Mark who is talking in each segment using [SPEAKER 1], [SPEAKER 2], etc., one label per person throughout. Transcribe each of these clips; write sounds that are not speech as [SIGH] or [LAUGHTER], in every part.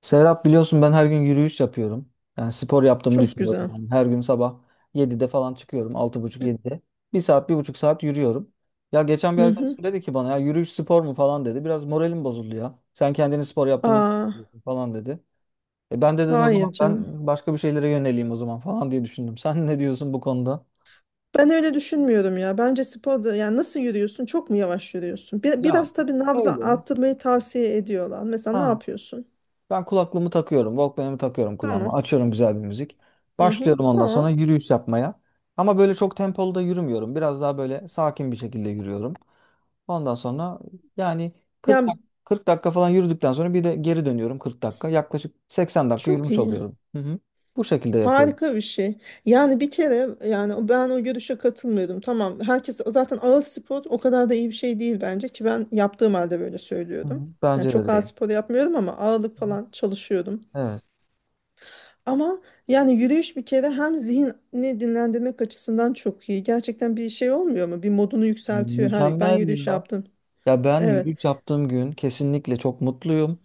[SPEAKER 1] Serap biliyorsun ben her gün yürüyüş yapıyorum. Yani spor yaptığımı
[SPEAKER 2] Çok
[SPEAKER 1] düşünüyorum.
[SPEAKER 2] güzel.
[SPEAKER 1] Yani her gün sabah 7'de falan çıkıyorum. 6.30-7'de. Bir saat, bir buçuk saat yürüyorum. Ya geçen bir
[SPEAKER 2] Hı hı.
[SPEAKER 1] arkadaşım dedi ki bana ya yürüyüş spor mu falan dedi. Biraz moralim bozuldu ya. "Sen kendini spor yaptığını mı
[SPEAKER 2] Aa,
[SPEAKER 1] zannediyorsun?" falan dedi. E ben de dedim o zaman
[SPEAKER 2] hayır canım.
[SPEAKER 1] ben başka bir şeylere yöneleyim o zaman falan diye düşündüm. Sen ne diyorsun bu konuda?
[SPEAKER 2] Ben öyle düşünmüyorum ya. Bence sporda yani nasıl yürüyorsun? Çok mu yavaş yürüyorsun?
[SPEAKER 1] Ya
[SPEAKER 2] Biraz tabii nabza
[SPEAKER 1] öyle.
[SPEAKER 2] arttırmayı tavsiye ediyorlar. Mesela ne
[SPEAKER 1] Ha.
[SPEAKER 2] yapıyorsun?
[SPEAKER 1] Ben kulaklığımı takıyorum. Walkman'ımı takıyorum kulağıma.
[SPEAKER 2] Tamam.
[SPEAKER 1] Açıyorum güzel bir müzik.
[SPEAKER 2] Hı hı,
[SPEAKER 1] Başlıyorum ondan sonra
[SPEAKER 2] tamam.
[SPEAKER 1] yürüyüş yapmaya. Ama böyle çok tempolu da yürümüyorum. Biraz daha böyle sakin bir şekilde yürüyorum. Ondan sonra yani 40
[SPEAKER 2] Yani
[SPEAKER 1] dak- 40 dakika falan yürüdükten sonra bir de geri dönüyorum 40 dakika. Yaklaşık 80 dakika
[SPEAKER 2] çok
[SPEAKER 1] yürümüş
[SPEAKER 2] iyi.
[SPEAKER 1] oluyorum. Hı hı. Bu şekilde yapıyorum.
[SPEAKER 2] Harika bir şey. Yani bir kere yani ben o görüşe katılmıyordum. Tamam. Herkes zaten ağır spor o kadar da iyi bir şey değil bence ki ben yaptığım halde böyle
[SPEAKER 1] Hı
[SPEAKER 2] söylüyordum.
[SPEAKER 1] hı.
[SPEAKER 2] Yani
[SPEAKER 1] Bence
[SPEAKER 2] çok
[SPEAKER 1] de
[SPEAKER 2] ağır
[SPEAKER 1] değil.
[SPEAKER 2] spor yapmıyorum ama ağırlık
[SPEAKER 1] Hı hı.
[SPEAKER 2] falan çalışıyordum.
[SPEAKER 1] Evet.
[SPEAKER 2] Ama yani yürüyüş bir kere hem zihni dinlendirmek açısından çok iyi. Gerçekten bir şey olmuyor mu? Bir modunu yükseltiyor. Her, ben
[SPEAKER 1] Mükemmel
[SPEAKER 2] yürüyüş
[SPEAKER 1] ya.
[SPEAKER 2] yaptım.
[SPEAKER 1] Ya ben
[SPEAKER 2] Evet.
[SPEAKER 1] yürüyüş yaptığım gün kesinlikle çok mutluyum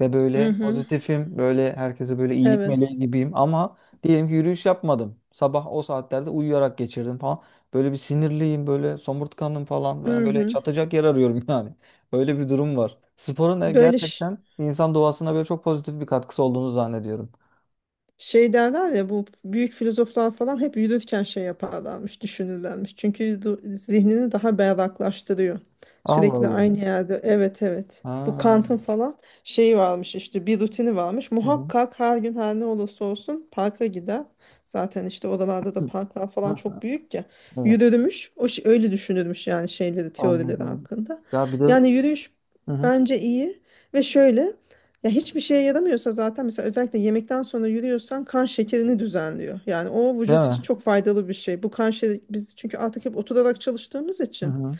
[SPEAKER 1] ve
[SPEAKER 2] Hı
[SPEAKER 1] böyle
[SPEAKER 2] hı.
[SPEAKER 1] pozitifim, böyle herkese böyle iyilik
[SPEAKER 2] Evet.
[SPEAKER 1] meleği gibiyim ama diyelim ki yürüyüş yapmadım. Sabah o saatlerde uyuyarak geçirdim falan. Böyle bir sinirliyim, böyle somurtkanım falan. Ben
[SPEAKER 2] Hı
[SPEAKER 1] böyle
[SPEAKER 2] hı.
[SPEAKER 1] çatacak yer arıyorum [LAUGHS] yani. Öyle bir durum var. Sporun da
[SPEAKER 2] Böyle ş-
[SPEAKER 1] gerçekten insan doğasına böyle çok pozitif bir katkısı olduğunu zannediyorum.
[SPEAKER 2] Şey derler ya bu büyük filozoflar falan hep yürürken şey yaparlarmış, düşünürlermiş. Çünkü zihnini daha berraklaştırıyor.
[SPEAKER 1] Allah
[SPEAKER 2] Sürekli
[SPEAKER 1] Allah.
[SPEAKER 2] aynı yerde evet evet. Bu
[SPEAKER 1] Ha.
[SPEAKER 2] Kant'ın falan şeyi varmış işte bir rutini varmış.
[SPEAKER 1] Hı hı.
[SPEAKER 2] Muhakkak her gün her ne olursa olsun parka gider. Zaten işte oralarda da
[SPEAKER 1] Hı.
[SPEAKER 2] parklar falan
[SPEAKER 1] Hah,
[SPEAKER 2] çok büyük ya.
[SPEAKER 1] evet.
[SPEAKER 2] Yürürmüş. O şey, öyle düşünürmüş yani şeyleri, teorileri
[SPEAKER 1] Anladım.
[SPEAKER 2] hakkında.
[SPEAKER 1] Ya bir de
[SPEAKER 2] Yani yürüyüş
[SPEAKER 1] hı hı.
[SPEAKER 2] bence iyi ve şöyle ya hiçbir şeye yaramıyorsa zaten mesela özellikle yemekten sonra yürüyorsan kan şekerini düzenliyor. Yani o
[SPEAKER 1] Değil
[SPEAKER 2] vücut için
[SPEAKER 1] mi?
[SPEAKER 2] çok faydalı bir şey. Bu kan şekeri biz çünkü artık hep oturarak çalıştığımız
[SPEAKER 1] Hı
[SPEAKER 2] için
[SPEAKER 1] hı.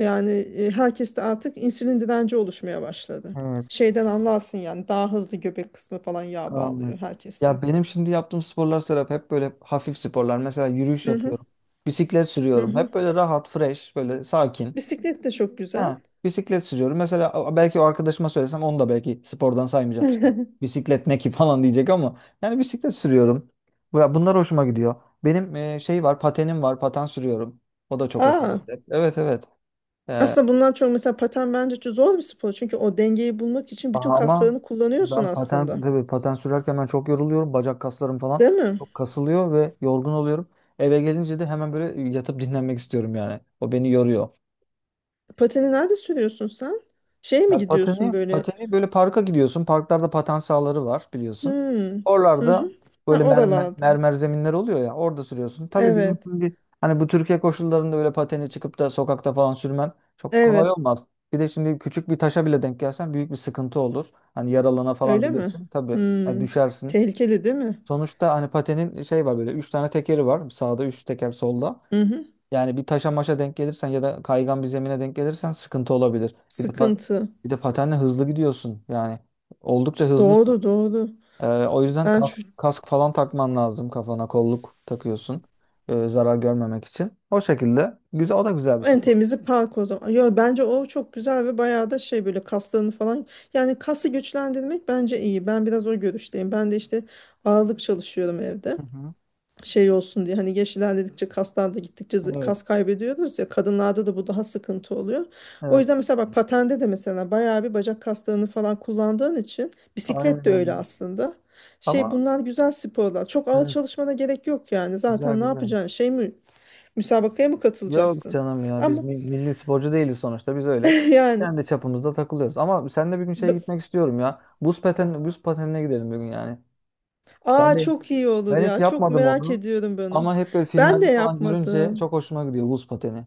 [SPEAKER 2] yani herkeste artık insülin direnci oluşmaya başladı.
[SPEAKER 1] Evet.
[SPEAKER 2] Şeyden anlarsın yani daha hızlı göbek kısmı falan yağ bağlıyor
[SPEAKER 1] Anladım.
[SPEAKER 2] herkeste.
[SPEAKER 1] Ya benim şimdi yaptığım sporlar Serap hep böyle hafif sporlar. Mesela yürüyüş
[SPEAKER 2] Hı hı,
[SPEAKER 1] yapıyorum. Bisiklet
[SPEAKER 2] hı
[SPEAKER 1] sürüyorum.
[SPEAKER 2] hı.
[SPEAKER 1] Hep böyle rahat, fresh, böyle sakin.
[SPEAKER 2] Bisiklet de çok güzel.
[SPEAKER 1] Ha, bisiklet sürüyorum. Belki o arkadaşıma söylesem onu da belki spordan saymayacak işte.
[SPEAKER 2] [LAUGHS]
[SPEAKER 1] Bisiklet ne ki [LAUGHS] falan diyecek ama yani bisiklet sürüyorum. Ya bunlar hoşuma gidiyor. Benim şey var, patenim var. Paten sürüyorum. O da çok hoşuma
[SPEAKER 2] Aa,
[SPEAKER 1] gidiyor. Evet evet.
[SPEAKER 2] aslında bundan çok mesela paten bence çok zor bir spor. Çünkü o dengeyi bulmak için bütün
[SPEAKER 1] Ama
[SPEAKER 2] kaslarını kullanıyorsun
[SPEAKER 1] ben paten
[SPEAKER 2] aslında.
[SPEAKER 1] tabii paten sürerken ben çok yoruluyorum. Bacak kaslarım falan
[SPEAKER 2] Değil mi?
[SPEAKER 1] çok kasılıyor ve yorgun oluyorum. Eve gelince de hemen böyle yatıp dinlenmek istiyorum yani. O beni yoruyor.
[SPEAKER 2] Pateni nerede sürüyorsun sen? Şeye mi
[SPEAKER 1] Ya pateni,
[SPEAKER 2] gidiyorsun böyle?
[SPEAKER 1] pateni böyle parka gidiyorsun. Parklarda paten sahaları var biliyorsun.
[SPEAKER 2] Hmm. Hı
[SPEAKER 1] Oralarda
[SPEAKER 2] hı. Ha,
[SPEAKER 1] böyle mermer,
[SPEAKER 2] oralarda.
[SPEAKER 1] mermer zeminler oluyor ya. Orada sürüyorsun. Tabii bizim
[SPEAKER 2] Evet.
[SPEAKER 1] şimdi hani bu Türkiye koşullarında öyle pateni çıkıp da sokakta falan sürmen çok kolay
[SPEAKER 2] Evet.
[SPEAKER 1] olmaz. Bir de şimdi küçük bir taşa bile denk gelsen büyük bir sıkıntı olur. Hani yaralana falan
[SPEAKER 2] Öyle mi?
[SPEAKER 1] bilirsin. Tabii yani
[SPEAKER 2] Hmm.
[SPEAKER 1] düşersin.
[SPEAKER 2] Tehlikeli değil mi?
[SPEAKER 1] Sonuçta hani patenin şey var böyle. Üç tane tekeri var. Sağda üç teker solda.
[SPEAKER 2] Hı hı.
[SPEAKER 1] Yani bir taşa maşa denk gelirsen ya da kaygan bir zemine denk gelirsen sıkıntı olabilir.
[SPEAKER 2] Sıkıntı.
[SPEAKER 1] Bir de patenle hızlı gidiyorsun. Yani oldukça hızlısın.
[SPEAKER 2] Doğru doğru.
[SPEAKER 1] O yüzden
[SPEAKER 2] Ben
[SPEAKER 1] kask,
[SPEAKER 2] şu
[SPEAKER 1] kask falan takman lazım kafana. Kolluk takıyorsun. Zarar görmemek için. O şekilde. Güzel, o da güzel bir
[SPEAKER 2] en
[SPEAKER 1] spor.
[SPEAKER 2] temizi park o zaman. Yo, bence o çok güzel ve bayağı da şey böyle kaslarını falan. Yani kası güçlendirmek bence iyi. Ben biraz o görüşteyim. Ben de işte ağırlık çalışıyorum evde.
[SPEAKER 1] Hı hı.
[SPEAKER 2] Şey olsun diye hani yaş ilerledikçe kaslar da gittikçe kas
[SPEAKER 1] Evet.
[SPEAKER 2] kaybediyoruz ya kadınlarda da bu daha sıkıntı oluyor. O
[SPEAKER 1] Evet.
[SPEAKER 2] yüzden mesela bak patende de mesela bayağı bir bacak kaslarını falan kullandığın için bisiklet
[SPEAKER 1] Aynen.
[SPEAKER 2] de
[SPEAKER 1] Öyle.
[SPEAKER 2] öyle aslında. Şey
[SPEAKER 1] Ama
[SPEAKER 2] bunlar güzel sporlar. Çok ağır
[SPEAKER 1] evet.
[SPEAKER 2] çalışmana gerek yok yani.
[SPEAKER 1] Güzel
[SPEAKER 2] Zaten ne
[SPEAKER 1] güzel.
[SPEAKER 2] yapacaksın? Şey mi müsabakaya mı
[SPEAKER 1] Yok
[SPEAKER 2] katılacaksın?
[SPEAKER 1] canım ya
[SPEAKER 2] Ama
[SPEAKER 1] milli sporcu değiliz sonuçta. Biz öyle
[SPEAKER 2] [LAUGHS] yani
[SPEAKER 1] kendi çapımızda takılıyoruz. Ama sen de bir gün şeye
[SPEAKER 2] b-
[SPEAKER 1] gitmek istiyorum ya. Buz pateni, buz patenine gidelim bir gün yani. Ben
[SPEAKER 2] aa
[SPEAKER 1] de
[SPEAKER 2] çok iyi olur
[SPEAKER 1] ben hiç
[SPEAKER 2] ya. Çok
[SPEAKER 1] yapmadım
[SPEAKER 2] merak
[SPEAKER 1] onu.
[SPEAKER 2] ediyorum bunu.
[SPEAKER 1] Ama hep böyle
[SPEAKER 2] Ben de
[SPEAKER 1] filmlerde falan görünce
[SPEAKER 2] yapmadım.
[SPEAKER 1] çok hoşuma gidiyor buz pateni.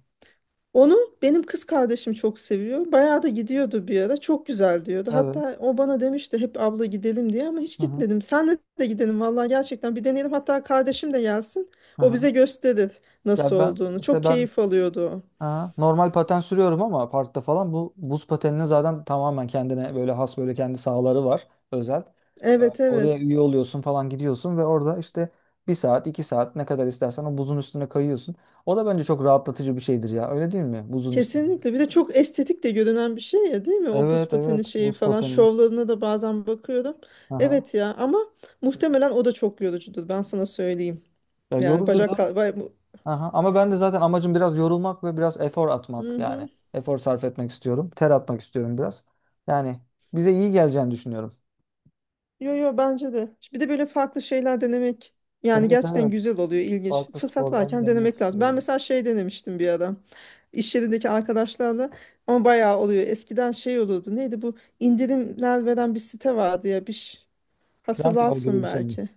[SPEAKER 2] Onu benim kız kardeşim çok seviyor. Bayağı da gidiyordu bir ara. Çok güzel diyordu.
[SPEAKER 1] Evet.
[SPEAKER 2] Hatta o bana demişti hep abla gidelim diye ama hiç
[SPEAKER 1] Hı hı.
[SPEAKER 2] gitmedim. Senle de gidelim vallahi gerçekten bir deneyelim. Hatta kardeşim de gelsin.
[SPEAKER 1] Hı
[SPEAKER 2] O
[SPEAKER 1] hı.
[SPEAKER 2] bize gösterir nasıl
[SPEAKER 1] Ya ben
[SPEAKER 2] olduğunu.
[SPEAKER 1] işte
[SPEAKER 2] Çok
[SPEAKER 1] ben
[SPEAKER 2] keyif alıyordu o.
[SPEAKER 1] aha, normal paten sürüyorum ama parkta falan bu buz pateninin zaten tamamen kendine böyle has böyle kendi sahaları var özel.
[SPEAKER 2] Evet
[SPEAKER 1] Oraya
[SPEAKER 2] evet.
[SPEAKER 1] üye oluyorsun falan gidiyorsun ve orada işte bir saat iki saat ne kadar istersen o buzun üstüne kayıyorsun. O da bence çok rahatlatıcı bir şeydir ya öyle değil mi? Buzun üstünde.
[SPEAKER 2] Kesinlikle. Bir de çok estetik de görünen bir şey ya değil mi? O buz
[SPEAKER 1] Evet
[SPEAKER 2] pateni
[SPEAKER 1] evet
[SPEAKER 2] şeyi
[SPEAKER 1] buz
[SPEAKER 2] falan
[SPEAKER 1] pateni.
[SPEAKER 2] şovlarına da bazen bakıyorum.
[SPEAKER 1] Aha.
[SPEAKER 2] Evet ya ama muhtemelen o da çok yorucudur. Ben sana söyleyeyim.
[SPEAKER 1] Ya
[SPEAKER 2] Yani
[SPEAKER 1] yorucudur.
[SPEAKER 2] bacak...
[SPEAKER 1] Aha, ama ben de zaten amacım biraz yorulmak ve biraz efor atmak yani.
[SPEAKER 2] Hı-hı.
[SPEAKER 1] Efor sarf etmek istiyorum. Ter atmak istiyorum biraz. Yani bize iyi geleceğini düşünüyorum.
[SPEAKER 2] Yo yo bence de. Bir de böyle farklı şeyler denemek yani
[SPEAKER 1] Evet
[SPEAKER 2] gerçekten
[SPEAKER 1] evet.
[SPEAKER 2] güzel oluyor, ilginç.
[SPEAKER 1] Farklı
[SPEAKER 2] Fırsat
[SPEAKER 1] sporları
[SPEAKER 2] varken
[SPEAKER 1] denemek
[SPEAKER 2] denemek lazım. Ben
[SPEAKER 1] istiyorum.
[SPEAKER 2] mesela şey denemiştim bir ara. İş yerindeki arkadaşlarla ama bayağı oluyor. Eskiden şey olurdu. Neydi bu? İndirimler veren bir site vardı ya.
[SPEAKER 1] Trendyol gibi
[SPEAKER 2] Hatırlarsın
[SPEAKER 1] bir şey mi?
[SPEAKER 2] belki.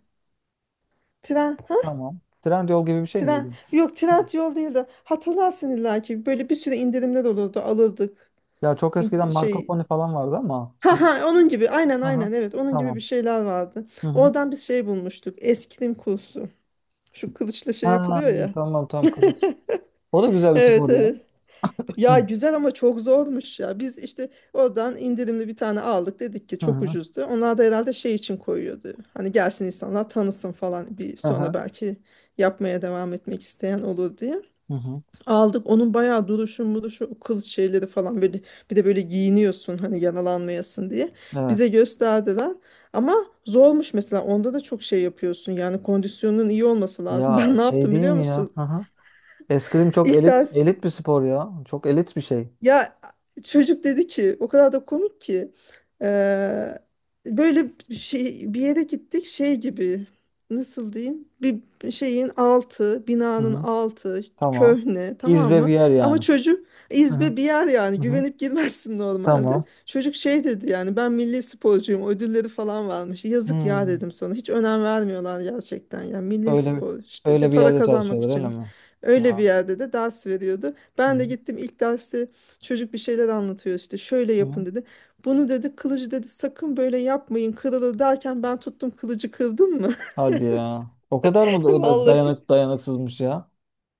[SPEAKER 2] Tren, ha?
[SPEAKER 1] Tamam. Trendyol gibi bir şey
[SPEAKER 2] Tren.
[SPEAKER 1] miydi?
[SPEAKER 2] Yok,
[SPEAKER 1] Hı.
[SPEAKER 2] Trend yol değil de hatırlarsın illa ki. Böyle bir sürü indirimler olurdu. Alırdık.
[SPEAKER 1] Ya çok eskiden
[SPEAKER 2] İnt-
[SPEAKER 1] Marco
[SPEAKER 2] şey
[SPEAKER 1] Polo falan vardı ama
[SPEAKER 2] Ha
[SPEAKER 1] şimdi
[SPEAKER 2] ha onun gibi aynen
[SPEAKER 1] aha,
[SPEAKER 2] aynen evet onun gibi bir
[SPEAKER 1] tamam.
[SPEAKER 2] şeyler vardı.
[SPEAKER 1] Hı hı.
[SPEAKER 2] Oradan bir şey bulmuştuk. Eskrim kursu. Şu kılıçla şey
[SPEAKER 1] Ha,
[SPEAKER 2] yapılıyor ya.
[SPEAKER 1] tamam tamam kılıç. O da güzel bir
[SPEAKER 2] Evet
[SPEAKER 1] spor ya.
[SPEAKER 2] evet.
[SPEAKER 1] Hı
[SPEAKER 2] Ya
[SPEAKER 1] hı.
[SPEAKER 2] güzel ama çok zormuş ya. Biz işte oradan indirimli bir tane aldık dedik ki
[SPEAKER 1] Hı
[SPEAKER 2] çok
[SPEAKER 1] hı.
[SPEAKER 2] ucuzdu. Onlar da herhalde şey için koyuyordu. Hani gelsin insanlar tanısın falan bir
[SPEAKER 1] Hı
[SPEAKER 2] sonra
[SPEAKER 1] hı.
[SPEAKER 2] belki yapmaya devam etmek isteyen olur diye.
[SPEAKER 1] Hı hı.
[SPEAKER 2] Aldık onun bayağı duruşu muruşu o kılıç şeyleri falan böyle bir de böyle giyiniyorsun hani yaralanmayasın diye.
[SPEAKER 1] Evet.
[SPEAKER 2] Bize gösterdiler. Ama zormuş mesela onda da çok şey yapıyorsun yani kondisyonun iyi olması lazım. [LAUGHS]
[SPEAKER 1] Ya
[SPEAKER 2] Ben ne
[SPEAKER 1] şey
[SPEAKER 2] yaptım
[SPEAKER 1] değil
[SPEAKER 2] biliyor
[SPEAKER 1] mi ya?
[SPEAKER 2] musun?
[SPEAKER 1] Hı hı. Eskrim çok
[SPEAKER 2] İlk
[SPEAKER 1] elit
[SPEAKER 2] ders.
[SPEAKER 1] elit bir spor ya. Çok elit bir şey.
[SPEAKER 2] Ya çocuk dedi ki o kadar da komik ki eee, böyle bir şey bir yere gittik şey gibi nasıl diyeyim bir şeyin altı
[SPEAKER 1] Hı
[SPEAKER 2] binanın
[SPEAKER 1] hı.
[SPEAKER 2] altı
[SPEAKER 1] Tamam.
[SPEAKER 2] köhne tamam
[SPEAKER 1] İzbe bir
[SPEAKER 2] mı?
[SPEAKER 1] yer
[SPEAKER 2] Ama
[SPEAKER 1] yani.
[SPEAKER 2] çocuk
[SPEAKER 1] Hı hı.
[SPEAKER 2] izbe bir yer yani
[SPEAKER 1] Hı hı.
[SPEAKER 2] güvenip girmezsin normalde.
[SPEAKER 1] Tamam.
[SPEAKER 2] Çocuk şey dedi yani ben milli sporcuyum ödülleri falan varmış. Yazık ya
[SPEAKER 1] Hmm.
[SPEAKER 2] dedim sonra hiç önem vermiyorlar gerçekten ya milli
[SPEAKER 1] Öyle bir-
[SPEAKER 2] spor işte de
[SPEAKER 1] Öyle bir
[SPEAKER 2] para
[SPEAKER 1] yerde
[SPEAKER 2] kazanmak
[SPEAKER 1] çalışıyorlar öyle
[SPEAKER 2] için
[SPEAKER 1] mi?
[SPEAKER 2] öyle bir
[SPEAKER 1] Ya
[SPEAKER 2] yerde de ders veriyordu.
[SPEAKER 1] hı
[SPEAKER 2] Ben de
[SPEAKER 1] hı.
[SPEAKER 2] gittim ilk dersi. Çocuk bir şeyler anlatıyor işte şöyle
[SPEAKER 1] Hı hı.
[SPEAKER 2] yapın dedi. Bunu dedi kılıcı dedi sakın böyle yapmayın kırılır derken ben tuttum kılıcı kırdım mı?
[SPEAKER 1] Hadi ya.
[SPEAKER 2] [LAUGHS]
[SPEAKER 1] O da
[SPEAKER 2] Vallahi.
[SPEAKER 1] dayanıksızmış ya?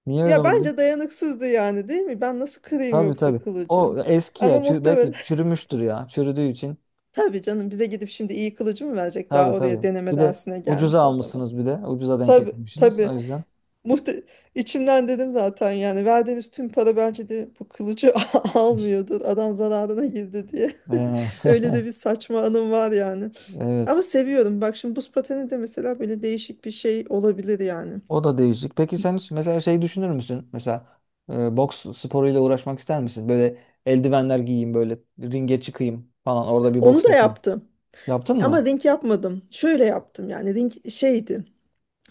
[SPEAKER 1] Niye öyle
[SPEAKER 2] Ya
[SPEAKER 1] oldu?
[SPEAKER 2] bence dayanıksızdı yani değil mi? Ben nasıl kırayım
[SPEAKER 1] Tabii
[SPEAKER 2] yoksa
[SPEAKER 1] tabii.
[SPEAKER 2] kılıcı?
[SPEAKER 1] O eski ya.
[SPEAKER 2] Ama muhtemelen
[SPEAKER 1] Belki çürümüştür ya. Çürüdüğü için.
[SPEAKER 2] [LAUGHS] tabii canım bize gidip şimdi iyi kılıcı mı verecek? Daha
[SPEAKER 1] Tabii
[SPEAKER 2] oraya
[SPEAKER 1] tabii.
[SPEAKER 2] deneme
[SPEAKER 1] Bir de
[SPEAKER 2] dersine
[SPEAKER 1] ucuza
[SPEAKER 2] gelmiş adama.
[SPEAKER 1] almışsınız bir de. Ucuza denk
[SPEAKER 2] Tabii
[SPEAKER 1] getirmişsiniz.
[SPEAKER 2] tabii.
[SPEAKER 1] O yüzden.
[SPEAKER 2] Muhte içimden dedim zaten yani verdiğimiz tüm para belki de bu kılıcı [LAUGHS] almıyordur. Adam zararına girdi diye. [LAUGHS] Öyle de
[SPEAKER 1] Ee,
[SPEAKER 2] bir saçma anım var yani.
[SPEAKER 1] [LAUGHS]
[SPEAKER 2] Ama
[SPEAKER 1] evet.
[SPEAKER 2] seviyorum. Bak şimdi buz pateni de mesela böyle değişik bir şey olabilir yani.
[SPEAKER 1] O da değişik. Peki sen hiç mesela şey düşünür müsün? Mesela boks sporuyla uğraşmak ister misin? Böyle eldivenler giyeyim, böyle ringe çıkayım falan. Orada bir
[SPEAKER 2] Onu
[SPEAKER 1] boks
[SPEAKER 2] da
[SPEAKER 1] yapayım.
[SPEAKER 2] yaptım.
[SPEAKER 1] Yaptın
[SPEAKER 2] Ama
[SPEAKER 1] mı?
[SPEAKER 2] ring yapmadım. Şöyle yaptım yani ring şeydi.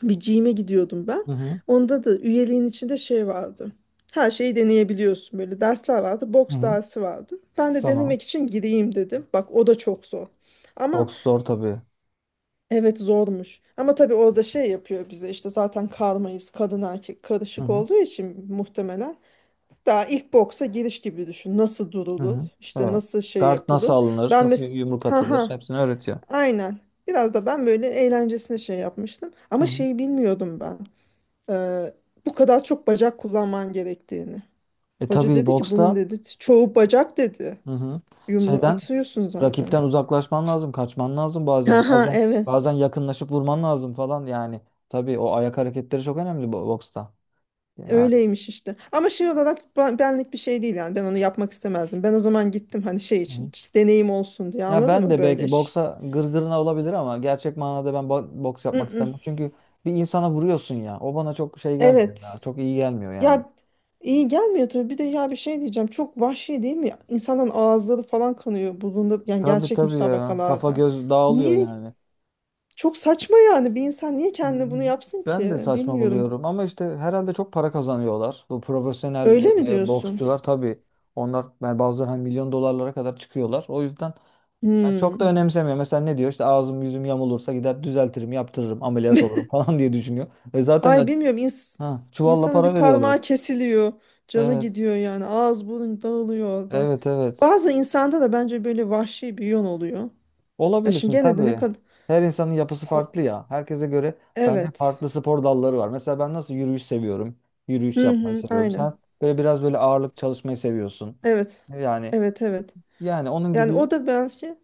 [SPEAKER 2] Bir gym'e gidiyordum ben.
[SPEAKER 1] Hı hı.
[SPEAKER 2] Onda da üyeliğin içinde şey vardı. Her şeyi deneyebiliyorsun böyle. Dersler vardı.
[SPEAKER 1] Hı
[SPEAKER 2] Boks
[SPEAKER 1] hı.
[SPEAKER 2] dersi vardı. Ben de
[SPEAKER 1] Tamam.
[SPEAKER 2] denemek için gireyim dedim. Bak o da çok zor. Ama
[SPEAKER 1] Boks zor tabii.
[SPEAKER 2] evet zormuş. Ama tabii orada şey yapıyor bize işte zaten karmayız. Kadın erkek
[SPEAKER 1] Hı
[SPEAKER 2] karışık
[SPEAKER 1] hı.
[SPEAKER 2] olduğu için muhtemelen daha ilk boksa giriş gibi düşün. Nasıl
[SPEAKER 1] Hı
[SPEAKER 2] durulur?
[SPEAKER 1] hı.
[SPEAKER 2] İşte
[SPEAKER 1] Evet.
[SPEAKER 2] nasıl şey
[SPEAKER 1] Guard nasıl
[SPEAKER 2] yapılır?
[SPEAKER 1] alınır?
[SPEAKER 2] Ben
[SPEAKER 1] Nasıl
[SPEAKER 2] mes
[SPEAKER 1] yumruk
[SPEAKER 2] ha
[SPEAKER 1] atılır?
[SPEAKER 2] ha
[SPEAKER 1] Hepsini öğretiyor.
[SPEAKER 2] aynen. Biraz da ben böyle eğlencesine şey yapmıştım.
[SPEAKER 1] Hı
[SPEAKER 2] Ama
[SPEAKER 1] hı.
[SPEAKER 2] şeyi bilmiyordum ben. Ee, bu kadar çok bacak kullanman gerektiğini.
[SPEAKER 1] E
[SPEAKER 2] Hoca
[SPEAKER 1] tabii
[SPEAKER 2] dedi ki bunun
[SPEAKER 1] boksta
[SPEAKER 2] dedi çoğu bacak dedi.
[SPEAKER 1] hı hı.
[SPEAKER 2] Yumruğu
[SPEAKER 1] şeyden
[SPEAKER 2] atıyorsun zaten.
[SPEAKER 1] Rakipten
[SPEAKER 2] [LAUGHS]
[SPEAKER 1] uzaklaşman lazım, kaçman lazım
[SPEAKER 2] Ha
[SPEAKER 1] bazen.
[SPEAKER 2] ha
[SPEAKER 1] Bazen
[SPEAKER 2] evet.
[SPEAKER 1] bazen yakınlaşıp vurman lazım falan yani. Tabii o ayak hareketleri çok önemli boksta. Yani
[SPEAKER 2] Öyleymiş işte. Ama şey olarak benlik bir şey değil yani. Ben onu yapmak istemezdim. Ben o zaman gittim hani şey için.
[SPEAKER 1] hı.
[SPEAKER 2] İşte deneyim olsun diye
[SPEAKER 1] Ya
[SPEAKER 2] anladın
[SPEAKER 1] ben
[SPEAKER 2] mı?
[SPEAKER 1] de
[SPEAKER 2] Böyle.
[SPEAKER 1] belki
[SPEAKER 2] Ş-
[SPEAKER 1] boksa gırgırına olabilir ama gerçek manada ben boks
[SPEAKER 2] Mm,
[SPEAKER 1] yapmak istemem.
[SPEAKER 2] mm.
[SPEAKER 1] Çünkü bir insana vuruyorsun ya. O bana çok şey gelmiyor ya.
[SPEAKER 2] Evet.
[SPEAKER 1] Çok iyi gelmiyor yani.
[SPEAKER 2] Ya iyi gelmiyor tabii. Bir de ya bir şey diyeceğim. Çok vahşi değil mi? İnsanın ağızları falan kanıyor bulunda yani
[SPEAKER 1] Tabii
[SPEAKER 2] gerçek
[SPEAKER 1] tabii ya. Kafa
[SPEAKER 2] müsabakalarda.
[SPEAKER 1] göz dağılıyor
[SPEAKER 2] Niye?
[SPEAKER 1] yani.
[SPEAKER 2] Çok saçma yani. Bir insan niye
[SPEAKER 1] Hı. Hı.
[SPEAKER 2] kendine bunu yapsın
[SPEAKER 1] Ben
[SPEAKER 2] ki?
[SPEAKER 1] de saçma
[SPEAKER 2] Bilmiyorum.
[SPEAKER 1] buluyorum ama işte herhalde çok para kazanıyorlar. Bu profesyonel
[SPEAKER 2] Öyle mi diyorsun?
[SPEAKER 1] boksçular tabii onlar yani bazıları hani milyon dolarlara kadar çıkıyorlar. O yüzden ben çok da
[SPEAKER 2] Hmm.
[SPEAKER 1] önemsemiyor. Mesela ne diyor? İşte ağzım yüzüm yamulursa gider düzeltirim, yaptırırım, ameliyat olurum [LAUGHS] falan diye düşünüyor. Ve
[SPEAKER 2] Ay
[SPEAKER 1] zaten
[SPEAKER 2] bilmiyorum.
[SPEAKER 1] ha, çuvalla
[SPEAKER 2] İnsanın
[SPEAKER 1] para
[SPEAKER 2] bir
[SPEAKER 1] veriyorlar.
[SPEAKER 2] parmağı kesiliyor. Canı
[SPEAKER 1] Evet,
[SPEAKER 2] gidiyor yani. Ağız burun dağılıyor orada.
[SPEAKER 1] evet, evet.
[SPEAKER 2] Bazı insanda da bence böyle vahşi bir yön oluyor. Ya
[SPEAKER 1] Olabilir
[SPEAKER 2] şimdi
[SPEAKER 1] şimdi
[SPEAKER 2] gene de ne
[SPEAKER 1] tabii.
[SPEAKER 2] kadar...
[SPEAKER 1] Her insanın yapısı
[SPEAKER 2] O-
[SPEAKER 1] farklı ya. Herkese göre bence
[SPEAKER 2] Evet.
[SPEAKER 1] farklı spor dalları var. Mesela ben nasıl yürüyüş seviyorum. Yürüyüş
[SPEAKER 2] Hı
[SPEAKER 1] yapmayı
[SPEAKER 2] hı,
[SPEAKER 1] seviyorum.
[SPEAKER 2] aynen.
[SPEAKER 1] Sen böyle biraz böyle ağırlık çalışmayı seviyorsun.
[SPEAKER 2] Evet.
[SPEAKER 1] Yani
[SPEAKER 2] Evet evet.
[SPEAKER 1] yani onun
[SPEAKER 2] Yani
[SPEAKER 1] gibi
[SPEAKER 2] o da belki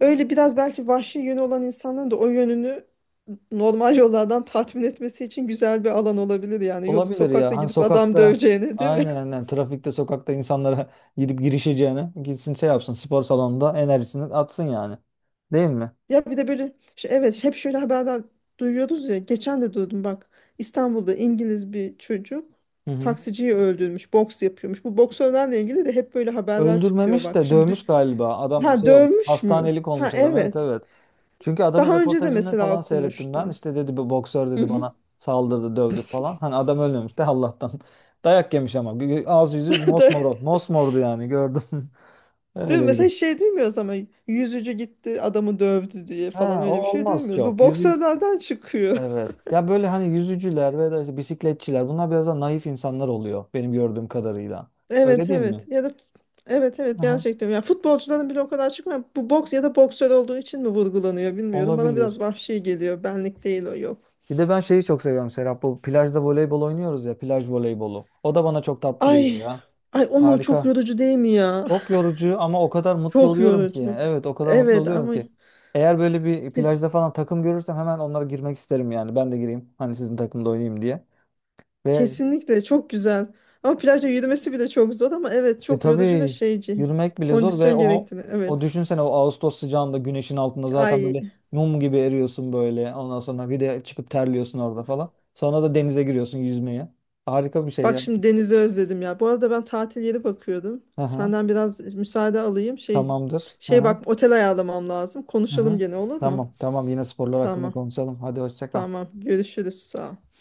[SPEAKER 2] öyle biraz belki vahşi yönü olan insanların da o yönünü normal yollardan tatmin etmesi için güzel bir alan olabilir yani. Yok
[SPEAKER 1] olabilir
[SPEAKER 2] sokakta
[SPEAKER 1] ya. Hani
[SPEAKER 2] gidip adam
[SPEAKER 1] sokakta
[SPEAKER 2] döveceğine değil mi?
[SPEAKER 1] aynen
[SPEAKER 2] [LAUGHS]
[SPEAKER 1] aynen trafikte sokakta insanlara [LAUGHS] gidip girişeceğine gitsin şey yapsın spor salonunda enerjisini atsın yani. Değil mi?
[SPEAKER 2] Ya bir de böyle şey, evet hep şöyle haberden duyuyoruz ya. Geçen de duydum bak. İstanbul'da İngiliz bir çocuk
[SPEAKER 1] Hı hı.
[SPEAKER 2] taksiciyi öldürmüş. Boks yapıyormuş. Bu boksörlerle ilgili de hep böyle haberler çıkıyor
[SPEAKER 1] Öldürmemiş
[SPEAKER 2] bak.
[SPEAKER 1] de dövmüş galiba. Adam
[SPEAKER 2] Ha
[SPEAKER 1] şey olmuş.
[SPEAKER 2] dövmüş mü?
[SPEAKER 1] Hastanelik
[SPEAKER 2] Ha
[SPEAKER 1] olmuş adam. Evet
[SPEAKER 2] evet.
[SPEAKER 1] evet. Çünkü adamın
[SPEAKER 2] Daha önce de
[SPEAKER 1] röportajını
[SPEAKER 2] mesela
[SPEAKER 1] falan seyrettim ben.
[SPEAKER 2] okumuştum.
[SPEAKER 1] İşte dedi bir boksör
[SPEAKER 2] Hı
[SPEAKER 1] dedi
[SPEAKER 2] hı.
[SPEAKER 1] bana saldırdı, dövdü falan. Hani adam ölmemiş de Allah'tan. [LAUGHS] Dayak yemiş ama. Ağzı yüzü
[SPEAKER 2] [LAUGHS]
[SPEAKER 1] mosmor. Mosmordu yani gördüm. [LAUGHS]
[SPEAKER 2] Değil mi?
[SPEAKER 1] Öyleydi.
[SPEAKER 2] Mesela hiç şey duymuyoruz ama yüzücü gitti adamı dövdü diye falan
[SPEAKER 1] Ha, o
[SPEAKER 2] öyle bir şey
[SPEAKER 1] olmaz
[SPEAKER 2] duymuyoruz. Bu
[SPEAKER 1] çok. Yüzü
[SPEAKER 2] boksörlerden çıkıyor. [LAUGHS]
[SPEAKER 1] evet. Ya böyle hani yüzücüler ve de işte bisikletçiler bunlar biraz daha naif insanlar oluyor benim gördüğüm kadarıyla. Öyle
[SPEAKER 2] Evet
[SPEAKER 1] değil
[SPEAKER 2] evet
[SPEAKER 1] mi?
[SPEAKER 2] ya da evet evet
[SPEAKER 1] Aha,
[SPEAKER 2] gerçekten. Yani futbolcuların bile o kadar çıkmıyor. Bu boks ya da boksör olduğu için mi vurgulanıyor bilmiyorum. Bana biraz
[SPEAKER 1] olabilir.
[SPEAKER 2] vahşi geliyor. Benlik değil o yok.
[SPEAKER 1] Bir de ben şeyi çok seviyorum Serap. Bu plajda voleybol oynuyoruz ya. Plaj voleybolu. O da bana çok tatlı
[SPEAKER 2] Ay
[SPEAKER 1] geliyor ya.
[SPEAKER 2] ay o mu çok
[SPEAKER 1] Harika.
[SPEAKER 2] yorucu değil mi ya?
[SPEAKER 1] Çok yorucu ama o kadar
[SPEAKER 2] [LAUGHS]
[SPEAKER 1] mutlu
[SPEAKER 2] Çok
[SPEAKER 1] oluyorum ki.
[SPEAKER 2] yorucu.
[SPEAKER 1] Evet o kadar mutlu
[SPEAKER 2] Evet
[SPEAKER 1] oluyorum
[SPEAKER 2] ama
[SPEAKER 1] ki. Eğer böyle bir
[SPEAKER 2] kes,
[SPEAKER 1] plajda falan takım görürsem hemen onlara girmek isterim yani. Ben de gireyim. Hani sizin takımda oynayayım diye. Ve
[SPEAKER 2] kesinlikle çok güzel. Ama plajda yürümesi bile çok zor ama evet çok yorucu ve
[SPEAKER 1] tabii
[SPEAKER 2] şeyci.
[SPEAKER 1] yürümek bile zor ve
[SPEAKER 2] Kondisyon
[SPEAKER 1] o
[SPEAKER 2] gerektirir.
[SPEAKER 1] o
[SPEAKER 2] Evet.
[SPEAKER 1] düşünsene o Ağustos sıcağında güneşin altında zaten
[SPEAKER 2] Ay.
[SPEAKER 1] böyle mum gibi eriyorsun böyle. Ondan sonra bir de çıkıp terliyorsun orada falan. Sonra da denize giriyorsun yüzmeye. Harika bir şey
[SPEAKER 2] Bak
[SPEAKER 1] ya.
[SPEAKER 2] şimdi denizi özledim ya. Bu arada ben tatil yeri bakıyordum.
[SPEAKER 1] Aha.
[SPEAKER 2] Senden biraz müsaade alayım.
[SPEAKER 1] Tamamdır. Hı
[SPEAKER 2] Şey
[SPEAKER 1] hı.
[SPEAKER 2] bak otel ayarlamam lazım.
[SPEAKER 1] Hı
[SPEAKER 2] Konuşalım
[SPEAKER 1] hı.
[SPEAKER 2] gene olur mu?
[SPEAKER 1] Tamam tamam yine sporlar hakkında
[SPEAKER 2] Tamam.
[SPEAKER 1] konuşalım. Hadi hoşça kal.
[SPEAKER 2] Tamam. Görüşürüz. Sağ ol.